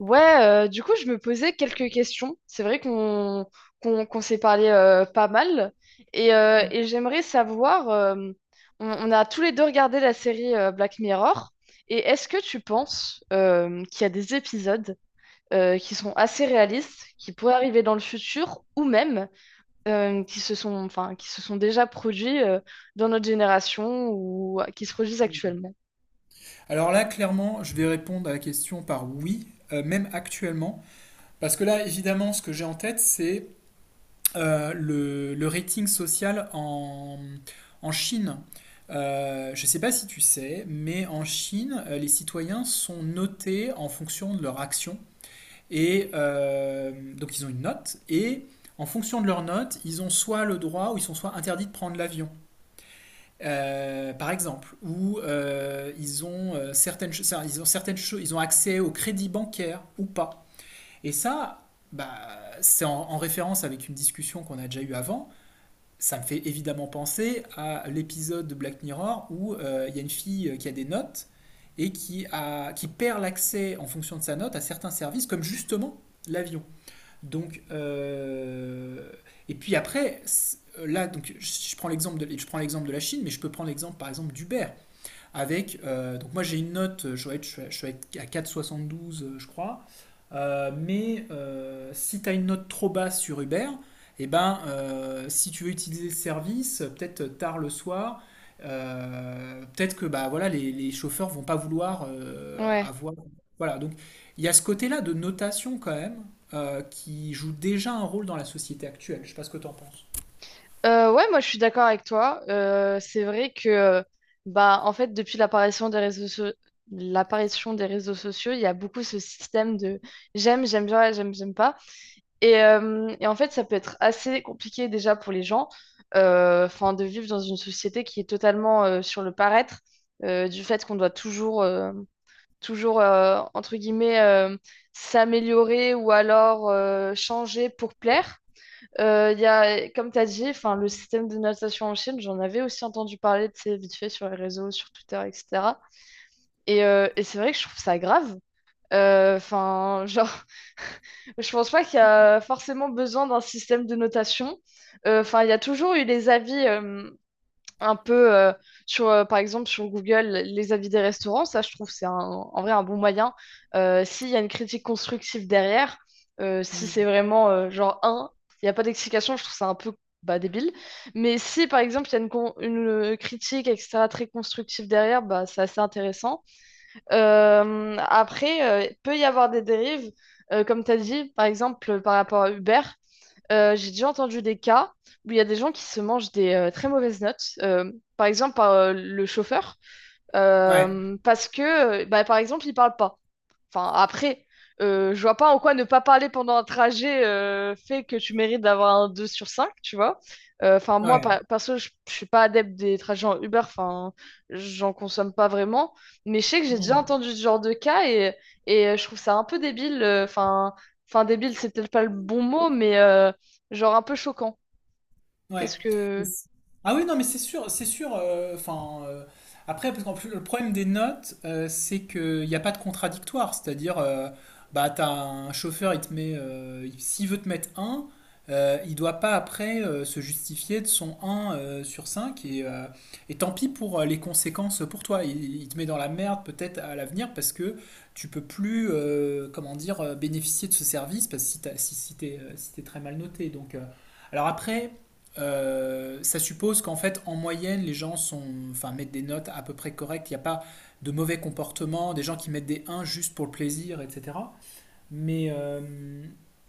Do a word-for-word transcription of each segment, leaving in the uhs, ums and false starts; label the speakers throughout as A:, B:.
A: Ouais, euh, du coup, je me posais quelques questions. C'est vrai qu'on qu'on qu'on s'est parlé euh, pas mal. Et, euh, et j'aimerais savoir, euh, on, on a tous les deux regardé la série euh, Black Mirror. Et est-ce que tu penses euh, qu'il y a des épisodes euh, qui sont assez réalistes, qui pourraient arriver dans le futur, ou même euh, qui se sont, enfin, qui se sont déjà produits euh, dans notre génération ou qui se produisent actuellement?
B: Alors là, clairement, je vais répondre à la question par oui, euh, même actuellement. Parce que là, évidemment, ce que j'ai en tête, c'est euh, le, le rating social en, en Chine. Euh, je ne sais pas si tu sais, mais en Chine, euh, les citoyens sont notés en fonction de leur action. Et euh, donc, ils ont une note. Et en fonction de leur note, ils ont soit le droit ou ils sont soit interdits de prendre l'avion. Euh, par exemple, où euh, ils ont euh, certaines, cho- enfin, ils ont certaines choses, ils ont accès au crédit bancaire ou pas. Et ça, bah, c'est en, en référence avec une discussion qu'on a déjà eue avant. Ça me fait évidemment penser à l'épisode de Black Mirror où euh, il y a une fille euh, qui a des notes et qui, a, qui perd l'accès en fonction de sa note à certains services, comme justement l'avion. Donc, euh, et puis après, là, donc, je prends l'exemple de, je prends l'exemple de la Chine, mais je peux prendre l'exemple par exemple d'Uber. Avec, euh, donc moi j'ai une note, je être- je suis à quatre virgule soixante-douze euh, je crois. Euh, mais euh, si tu as une note trop basse sur Uber, et eh ben, euh, si tu veux utiliser le service, peut-être tard le soir, euh, peut-être que bah, voilà, les, les chauffeurs ne vont pas vouloir euh,
A: Ouais.
B: avoir... Voilà, donc il y a ce côté-là de notation quand même euh, qui joue déjà un rôle dans la société actuelle, je sais pas ce que tu en penses.
A: Euh, ouais, moi je suis d'accord avec toi. Euh, c'est vrai que euh, bah en fait depuis l'apparition des réseaux so- l'apparition des réseaux sociaux, il y a beaucoup ce système de j'aime, j'aime bien, j'aime, j'aime pas. Et, euh, et en fait, ça peut être assez compliqué déjà pour les gens, euh, enfin de vivre dans une société qui est totalement euh, sur le paraître, euh, du fait qu'on doit toujours euh, toujours euh, entre guillemets euh, s'améliorer ou alors euh, changer pour plaire. Euh, il y a, comme tu as dit, enfin, le système de notation en Chine, j'en avais aussi entendu parler, tu sais, vite fait sur les réseaux, sur Twitter, et cætera. Et, euh, et c'est vrai que je trouve ça grave. Euh, Enfin, genre, je pense pas qu'il y a forcément besoin d'un système de notation. Euh, Enfin, il y a toujours eu les avis. euh, un peu euh, sur euh, par exemple sur Google les avis des restaurants ça je trouve c'est un- en vrai un bon moyen. Euh, s'il y a une critique constructive derrière euh, si
B: Mm.
A: c'est vraiment euh, genre un il n'y a pas d'explication je trouve ça un peu bah, débile, mais si par exemple il y a une, con- une, euh, critique etc très constructive derrière bah, c'est assez intéressant. Euh, après euh, il peut y avoir des dérives euh, comme tu as dit par exemple par rapport à Uber. Euh, j'ai déjà entendu des cas où il y a des gens qui se mangent des euh, très mauvaises notes, euh, par exemple par euh, le chauffeur,
B: Ouais,
A: euh, parce que, euh, bah, par exemple, il parle pas. Enfin, après, euh, je vois pas en quoi ne pas parler pendant un trajet euh, fait que tu mérites d'avoir un deux sur cinq, tu vois. Euh, Enfin, moi, par-
B: ouais.
A: perso, je je suis pas adepte des trajets en Uber, enfin, j'en consomme pas vraiment. Mais je sais que j'ai déjà
B: Mm.
A: entendu ce genre de cas et, et euh, je trouve ça un peu débile. euh, Enfin, enfin débile, c'est peut-être pas le bon mot, mais euh, genre un peu choquant.
B: Ouais.
A: Qu'est-ce que.
B: Ah oui, non, mais c'est sûr, c'est sûr. Euh, Enfin, euh, après, parce qu'en plus, le problème des notes, euh, c'est qu'il n'y a pas de contradictoire. C'est-à-dire, euh, bah, t'as un chauffeur, il te met, euh, s'il veut te mettre un euh, il doit pas après euh, se justifier de son un euh, sur cinq. Et, euh, et tant pis pour euh, les conséquences pour toi. Il, il te met dans la merde peut-être à l'avenir parce que tu peux plus, euh, comment dire, euh, bénéficier de ce service parce que si t'as- si, si t'es euh, si t'es très mal noté. Donc, euh, alors après euh, ça suppose qu'en fait, en moyenne, les gens sont, enfin, mettent des notes à peu près correctes. Il n'y a pas de mauvais comportement, des gens qui mettent des un juste pour le plaisir, et cetera. Mais, euh,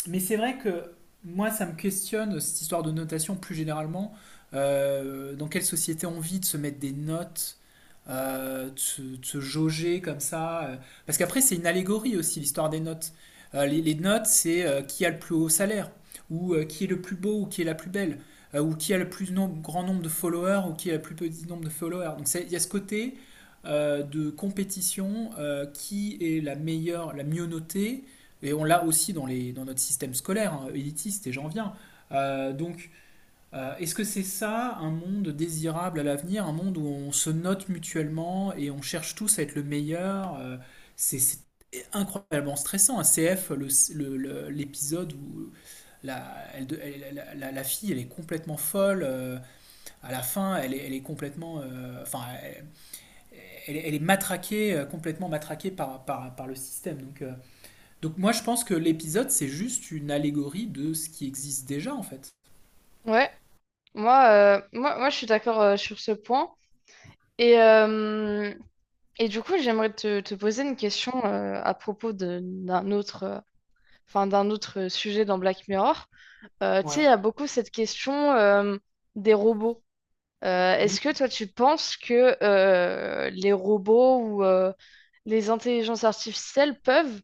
B: mais c'est vrai que moi, ça me questionne cette histoire de notation plus généralement. Euh, dans quelle société on vit de se mettre des notes, euh, de, se, de se jauger comme ça euh. Parce qu'après, c'est une allégorie aussi, l'histoire des notes. Euh, les, les notes, c'est euh, qui a le plus haut salaire, ou euh, qui est le plus beau, ou qui est la plus belle, euh, ou qui a le plus nom- grand nombre de followers, ou qui a le plus petit nombre de followers. Donc c'est- il y a ce côté euh, de compétition, euh, qui est la meilleure, la mieux notée, et on l'a aussi dans, les, dans notre système scolaire, hein, élitiste, et j'en viens. Euh, donc, euh, Est-ce que c'est ça un monde désirable à l'avenir, un monde où on se note mutuellement et on cherche tous à être le meilleur euh, C'est c'est incroyablement stressant. Un C F, le- le- le- l'épisode où la, elle de- elle- la- la- la fille, elle est complètement folle. Euh, à la fin, elle est, elle est complètement, euh, enfin, elle, elle est- elle est matraquée, euh, complètement matraquée par, par, par le système. Donc, euh, donc moi je pense que l'épisode c'est juste une allégorie de ce qui existe déjà en fait.
A: Ouais, moi, euh, moi, moi, je suis d'accord euh, sur ce point. Et. euh, Et du coup, j'aimerais te, te poser une question euh, à propos de- d'un autre, euh, enfin, d'un autre sujet dans Black Mirror. Euh, tu sais, il y
B: Ouais,
A: a beaucoup cette question euh, des robots. Euh, est-ce
B: oui.
A: que toi, tu penses que euh, les robots ou euh, les intelligences artificielles peuvent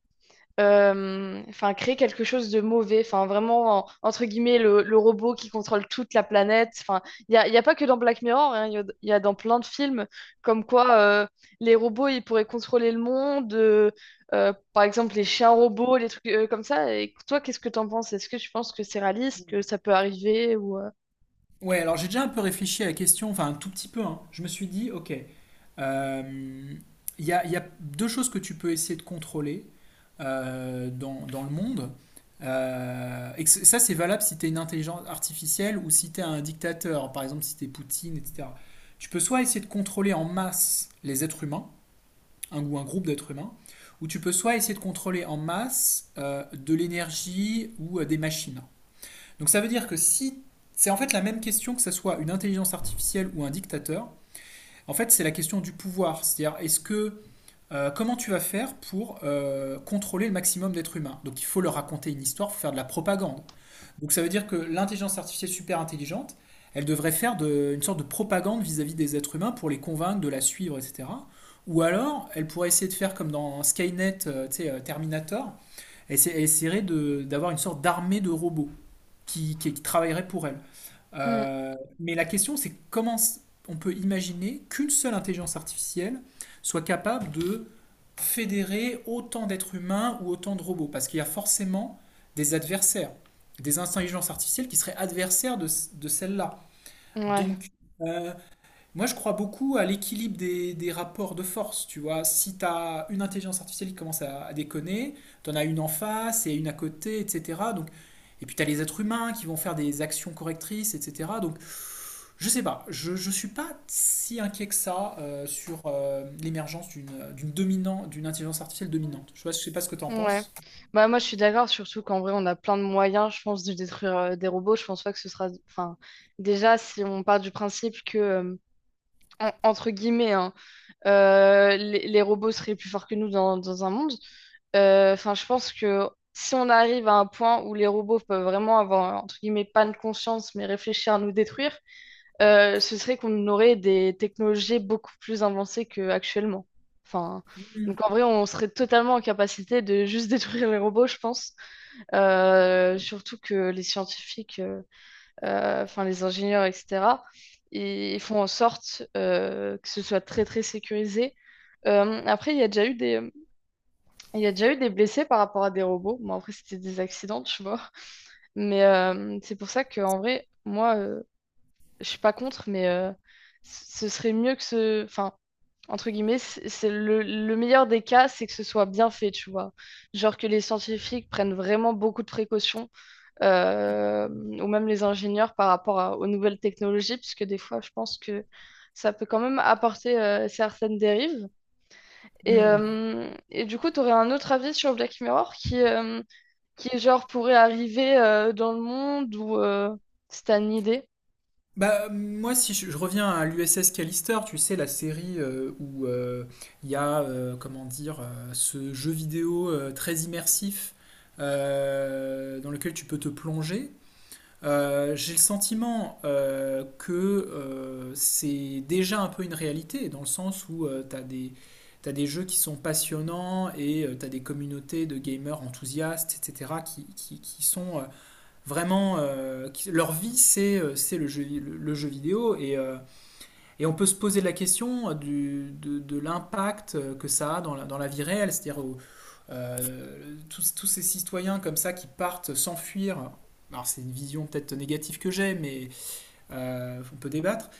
A: euh, enfin, créer quelque chose de mauvais. Enfin, vraiment, en- entre guillemets, le, le robot qui contrôle toute la planète. Enfin, il n'y a, il y a pas que dans Black Mirror, hein, il y a, il y a dans plein de films comme quoi euh, les robots, ils pourraient contrôler le monde. Euh, euh, par exemple, les chiens robots, les trucs euh, comme ça. Et toi, qu'est-ce que t'en penses? Est-ce que tu penses que c'est réaliste, que ça peut arriver ou, euh,
B: Ouais, alors j'ai déjà un peu réfléchi à la question, enfin un tout petit peu, hein. Je me suis dit, ok, euh, il y a, il y a deux choses que tu peux essayer de contrôler euh, dans, dans le monde. Euh, et que c- ça c'est valable si tu es une intelligence artificielle ou si tu es un dictateur, par exemple si tu es Poutine, et cetera. Tu peux soit essayer de contrôler en masse les êtres humains, un, ou un groupe d'êtres humains, où tu peux soit essayer de contrôler en masse euh, de l'énergie ou euh, des machines. Donc ça veut dire que si c'est en fait la même question que ce soit une intelligence artificielle ou un dictateur, en fait c'est la question du pouvoir, c'est-à-dire est-ce que euh, comment tu vas faire pour euh, contrôler le maximum d'êtres humains. Donc il faut leur raconter une histoire, il faut faire de la propagande. Donc ça veut dire que l'intelligence artificielle super intelligente, elle devrait faire de- une sorte de propagande vis-à-vis des êtres humains pour les convaincre de la suivre, et cetera. Ou alors, elle pourrait essayer de faire comme dans Skynet, euh, tu sais, euh, Terminator, elle elle essaierait de- d'avoir une sorte d'armée de robots qui, qui, qui travailleraient pour elle.
A: hmm,
B: Euh, mais la question, c'est comment s- on peut imaginer qu'une seule intelligence artificielle soit capable de fédérer autant d'êtres humains ou autant de robots? Parce qu'il y a forcément des adversaires, des intelligences artificielles qui seraient adversaires de, c- de celle-là.
A: ouais.
B: Donc, euh, Moi, je crois beaucoup à l'équilibre des, des rapports de force. Tu vois, si tu as une intelligence artificielle qui commence à, à déconner, tu en as une en face et une à côté, et cetera. Donc, et puis, tu as les êtres humains qui vont faire des actions correctrices, et cetera. Donc, je sais pas, je ne suis pas si inquiet que ça euh, sur euh, l'émergence d'une d'une dominante, d'une intelligence artificielle dominante. Je ne sais pas, sais pas ce que tu en
A: Ouais.
B: penses.
A: Bah, moi, je suis d'accord, surtout qu'en vrai, on a plein de moyens, je pense, de détruire euh, des robots. Je pense pas que ce sera. Enfin, déjà, si on part du principe que, euh, en- entre guillemets, hein, euh, les, les robots seraient plus forts que nous dans, dans un monde, euh, enfin, je pense que si on arrive à un point où les robots peuvent vraiment avoir, entre guillemets, pas de conscience, mais réfléchir à nous détruire, euh, ce serait qu'on aurait des technologies beaucoup plus avancées qu'actuellement. Enfin,
B: Mm.
A: donc en vrai, on serait totalement en capacité de juste détruire les robots, je pense. Euh, surtout que les scientifiques, euh, euh, enfin les ingénieurs, et cætera, ils ils font en sorte euh, que ce soit très très sécurisé. Euh, après, il y a déjà eu des, il y a déjà eu des blessés par rapport à des robots. Bon, après, c'était des accidents, tu vois. Mais euh, c'est pour ça que en vrai, moi, euh, je suis pas contre, mais euh, ce serait mieux que ce. Enfin, entre guillemets, c'est c'est le, le meilleur des cas, c'est que ce soit bien fait, tu vois. Genre que les scientifiques prennent vraiment beaucoup de précautions, euh, ou même les ingénieurs par rapport à- aux nouvelles technologies, puisque des fois, je pense que ça peut quand même apporter euh, certaines dérives. Et,
B: Mm.
A: euh, et du coup, tu aurais un autre avis sur Black Mirror qui, euh, qui genre, pourrait arriver euh, dans le monde ou euh, si t'as une idée.
B: Bah, moi, si je, je reviens à l'U S S Callister, tu sais, la série euh, où euh, il y a, euh, comment dire, euh, ce jeu vidéo euh, très immersif euh, dans lequel tu peux te plonger. Euh, j'ai le sentiment euh, que euh, c'est déjà un peu une réalité, dans le sens où euh, tu as des, t'as des jeux qui sont passionnants et tu as des communautés de gamers enthousiastes, et cetera, qui, qui, qui sont euh, vraiment... euh, qui- leur vie, c'est euh, c'est le jeu, le, le jeu vidéo. Et, euh, et on peut se poser la question du, de, de l'impact que ça a dans la, dans la vie réelle, c'est-à-dire euh, tous, tous ces citoyens comme ça qui partent s'enfuir. Alors c'est une vision peut-être négative que j'ai, mais euh, on peut débattre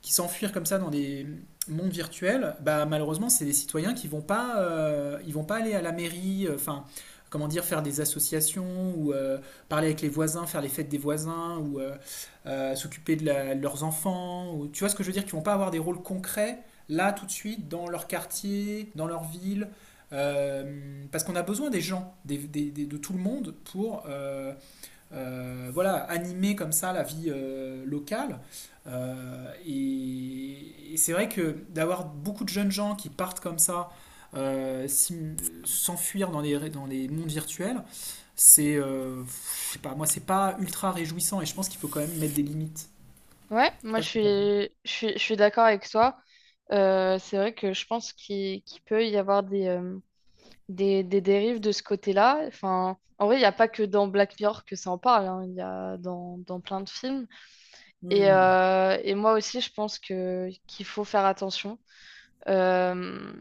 B: qui s'enfuir comme ça dans des mondes virtuels, bah, malheureusement, c'est des citoyens qui ne vont pas, euh, ils vont pas aller à la mairie, enfin, euh, enfin, comment dire, faire des associations ou euh, parler avec les voisins, faire les fêtes des voisins ou euh, euh, s'occuper de, la- de leurs enfants. Ou, tu vois ce que je veux dire? Qui ne vont pas avoir des rôles concrets là tout de suite dans leur quartier, dans leur ville. Euh, parce qu'on a besoin des gens, des- des- des- de tout le monde pour euh, euh, voilà, animer comme ça la vie euh, locale. Euh, et, et c'est vrai que d'avoir beaucoup de jeunes gens qui partent comme ça, euh, s'im- s'enfuir dans les, dans les mondes virtuels, c'est, euh, je sais pas, moi c'est pas ultra réjouissant et je pense qu'il faut quand même mettre des limites.
A: Ouais,
B: Je sais
A: moi
B: pas
A: je
B: ce que
A: suis,
B: t'en penses.
A: je suis, je suis d'accord avec toi. Euh, c'est vrai que je pense qu'il qu'il peut y avoir des, euh, des, des dérives de ce côté-là. Enfin, en vrai, il n'y a pas que dans Black Mirror que ça en parle, hein. Il y a dans, dans plein de films. Et,
B: Hmm,
A: euh, et moi aussi, je pense que qu'il faut faire attention. Euh,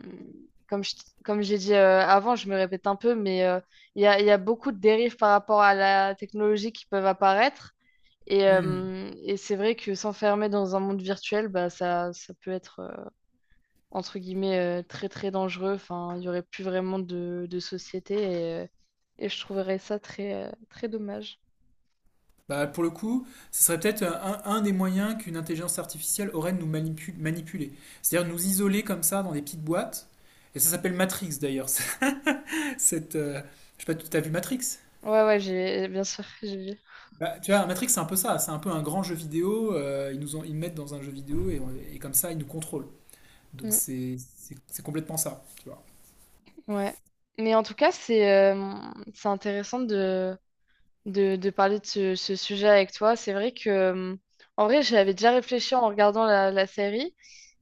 A: comme je- Comme j'ai dit euh, avant, je me répète un peu, mais euh, il y a, il y a beaucoup de dérives par rapport à la technologie qui peuvent apparaître. Et,
B: hmm.
A: euh, et c'est vrai que s'enfermer dans un monde virtuel, bah, ça, ça peut être, euh, entre guillemets, euh, très très dangereux. Enfin, il n'y aurait plus vraiment de, de société et, euh, et je trouverais ça très, euh, très dommage.
B: Bah, pour le coup, ce serait peut-être un, un des moyens qu'une intelligence artificielle aurait de nous manipu- manipuler. C'est-à-dire nous isoler comme ça dans des petites boîtes. Et ça s'appelle Matrix d'ailleurs. Cette. Euh, je sais pas, tu as vu Matrix?
A: Ouais, ouais, j'ai, bien sûr, j'ai vu.
B: Bah, tu vois, Matrix, c'est un peu ça. C'est un peu un grand jeu vidéo. Euh, ils nous ont, ils nous mettent dans un jeu vidéo et, on- et comme ça, ils nous contrôlent. Donc
A: Mm,
B: c'est c'est- c'est complètement ça, tu vois.
A: ouais. Mais en tout cas, c'est euh, c'est intéressant de, de, de parler de ce, ce sujet avec toi. C'est vrai que, euh, en vrai, j'avais déjà réfléchi en regardant la, la série,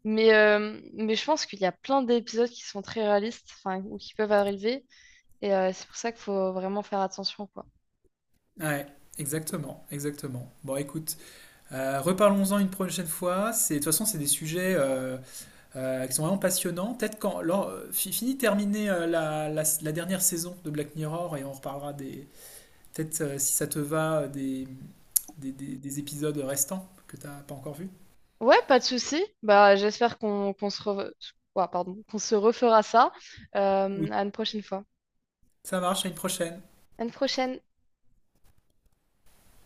A: mais, euh, mais je pense qu'il y a plein d'épisodes qui sont très réalistes, enfin, ou qui peuvent arriver, et euh, c'est pour ça qu'il faut vraiment faire attention, quoi.
B: Ouais, exactement, exactement. Bon, écoute, euh, reparlons-en une prochaine fois. C'est, de toute façon, c'est des sujets euh, euh, qui sont vraiment passionnants. Peut-être quand, lors, euh, fi- fini de terminer euh, la, la- la dernière saison de Black Mirror et on reparlera des, peut-être euh, si ça te va, des, des, des- des épisodes restants que t'as pas encore vus.
A: Ouais, pas de souci. Bah, j'espère qu'on qu'on se re- ouah, pardon, qu'on se refera ça euh,
B: Oui.
A: à une prochaine fois.
B: Ça marche, à une prochaine.
A: À une prochaine.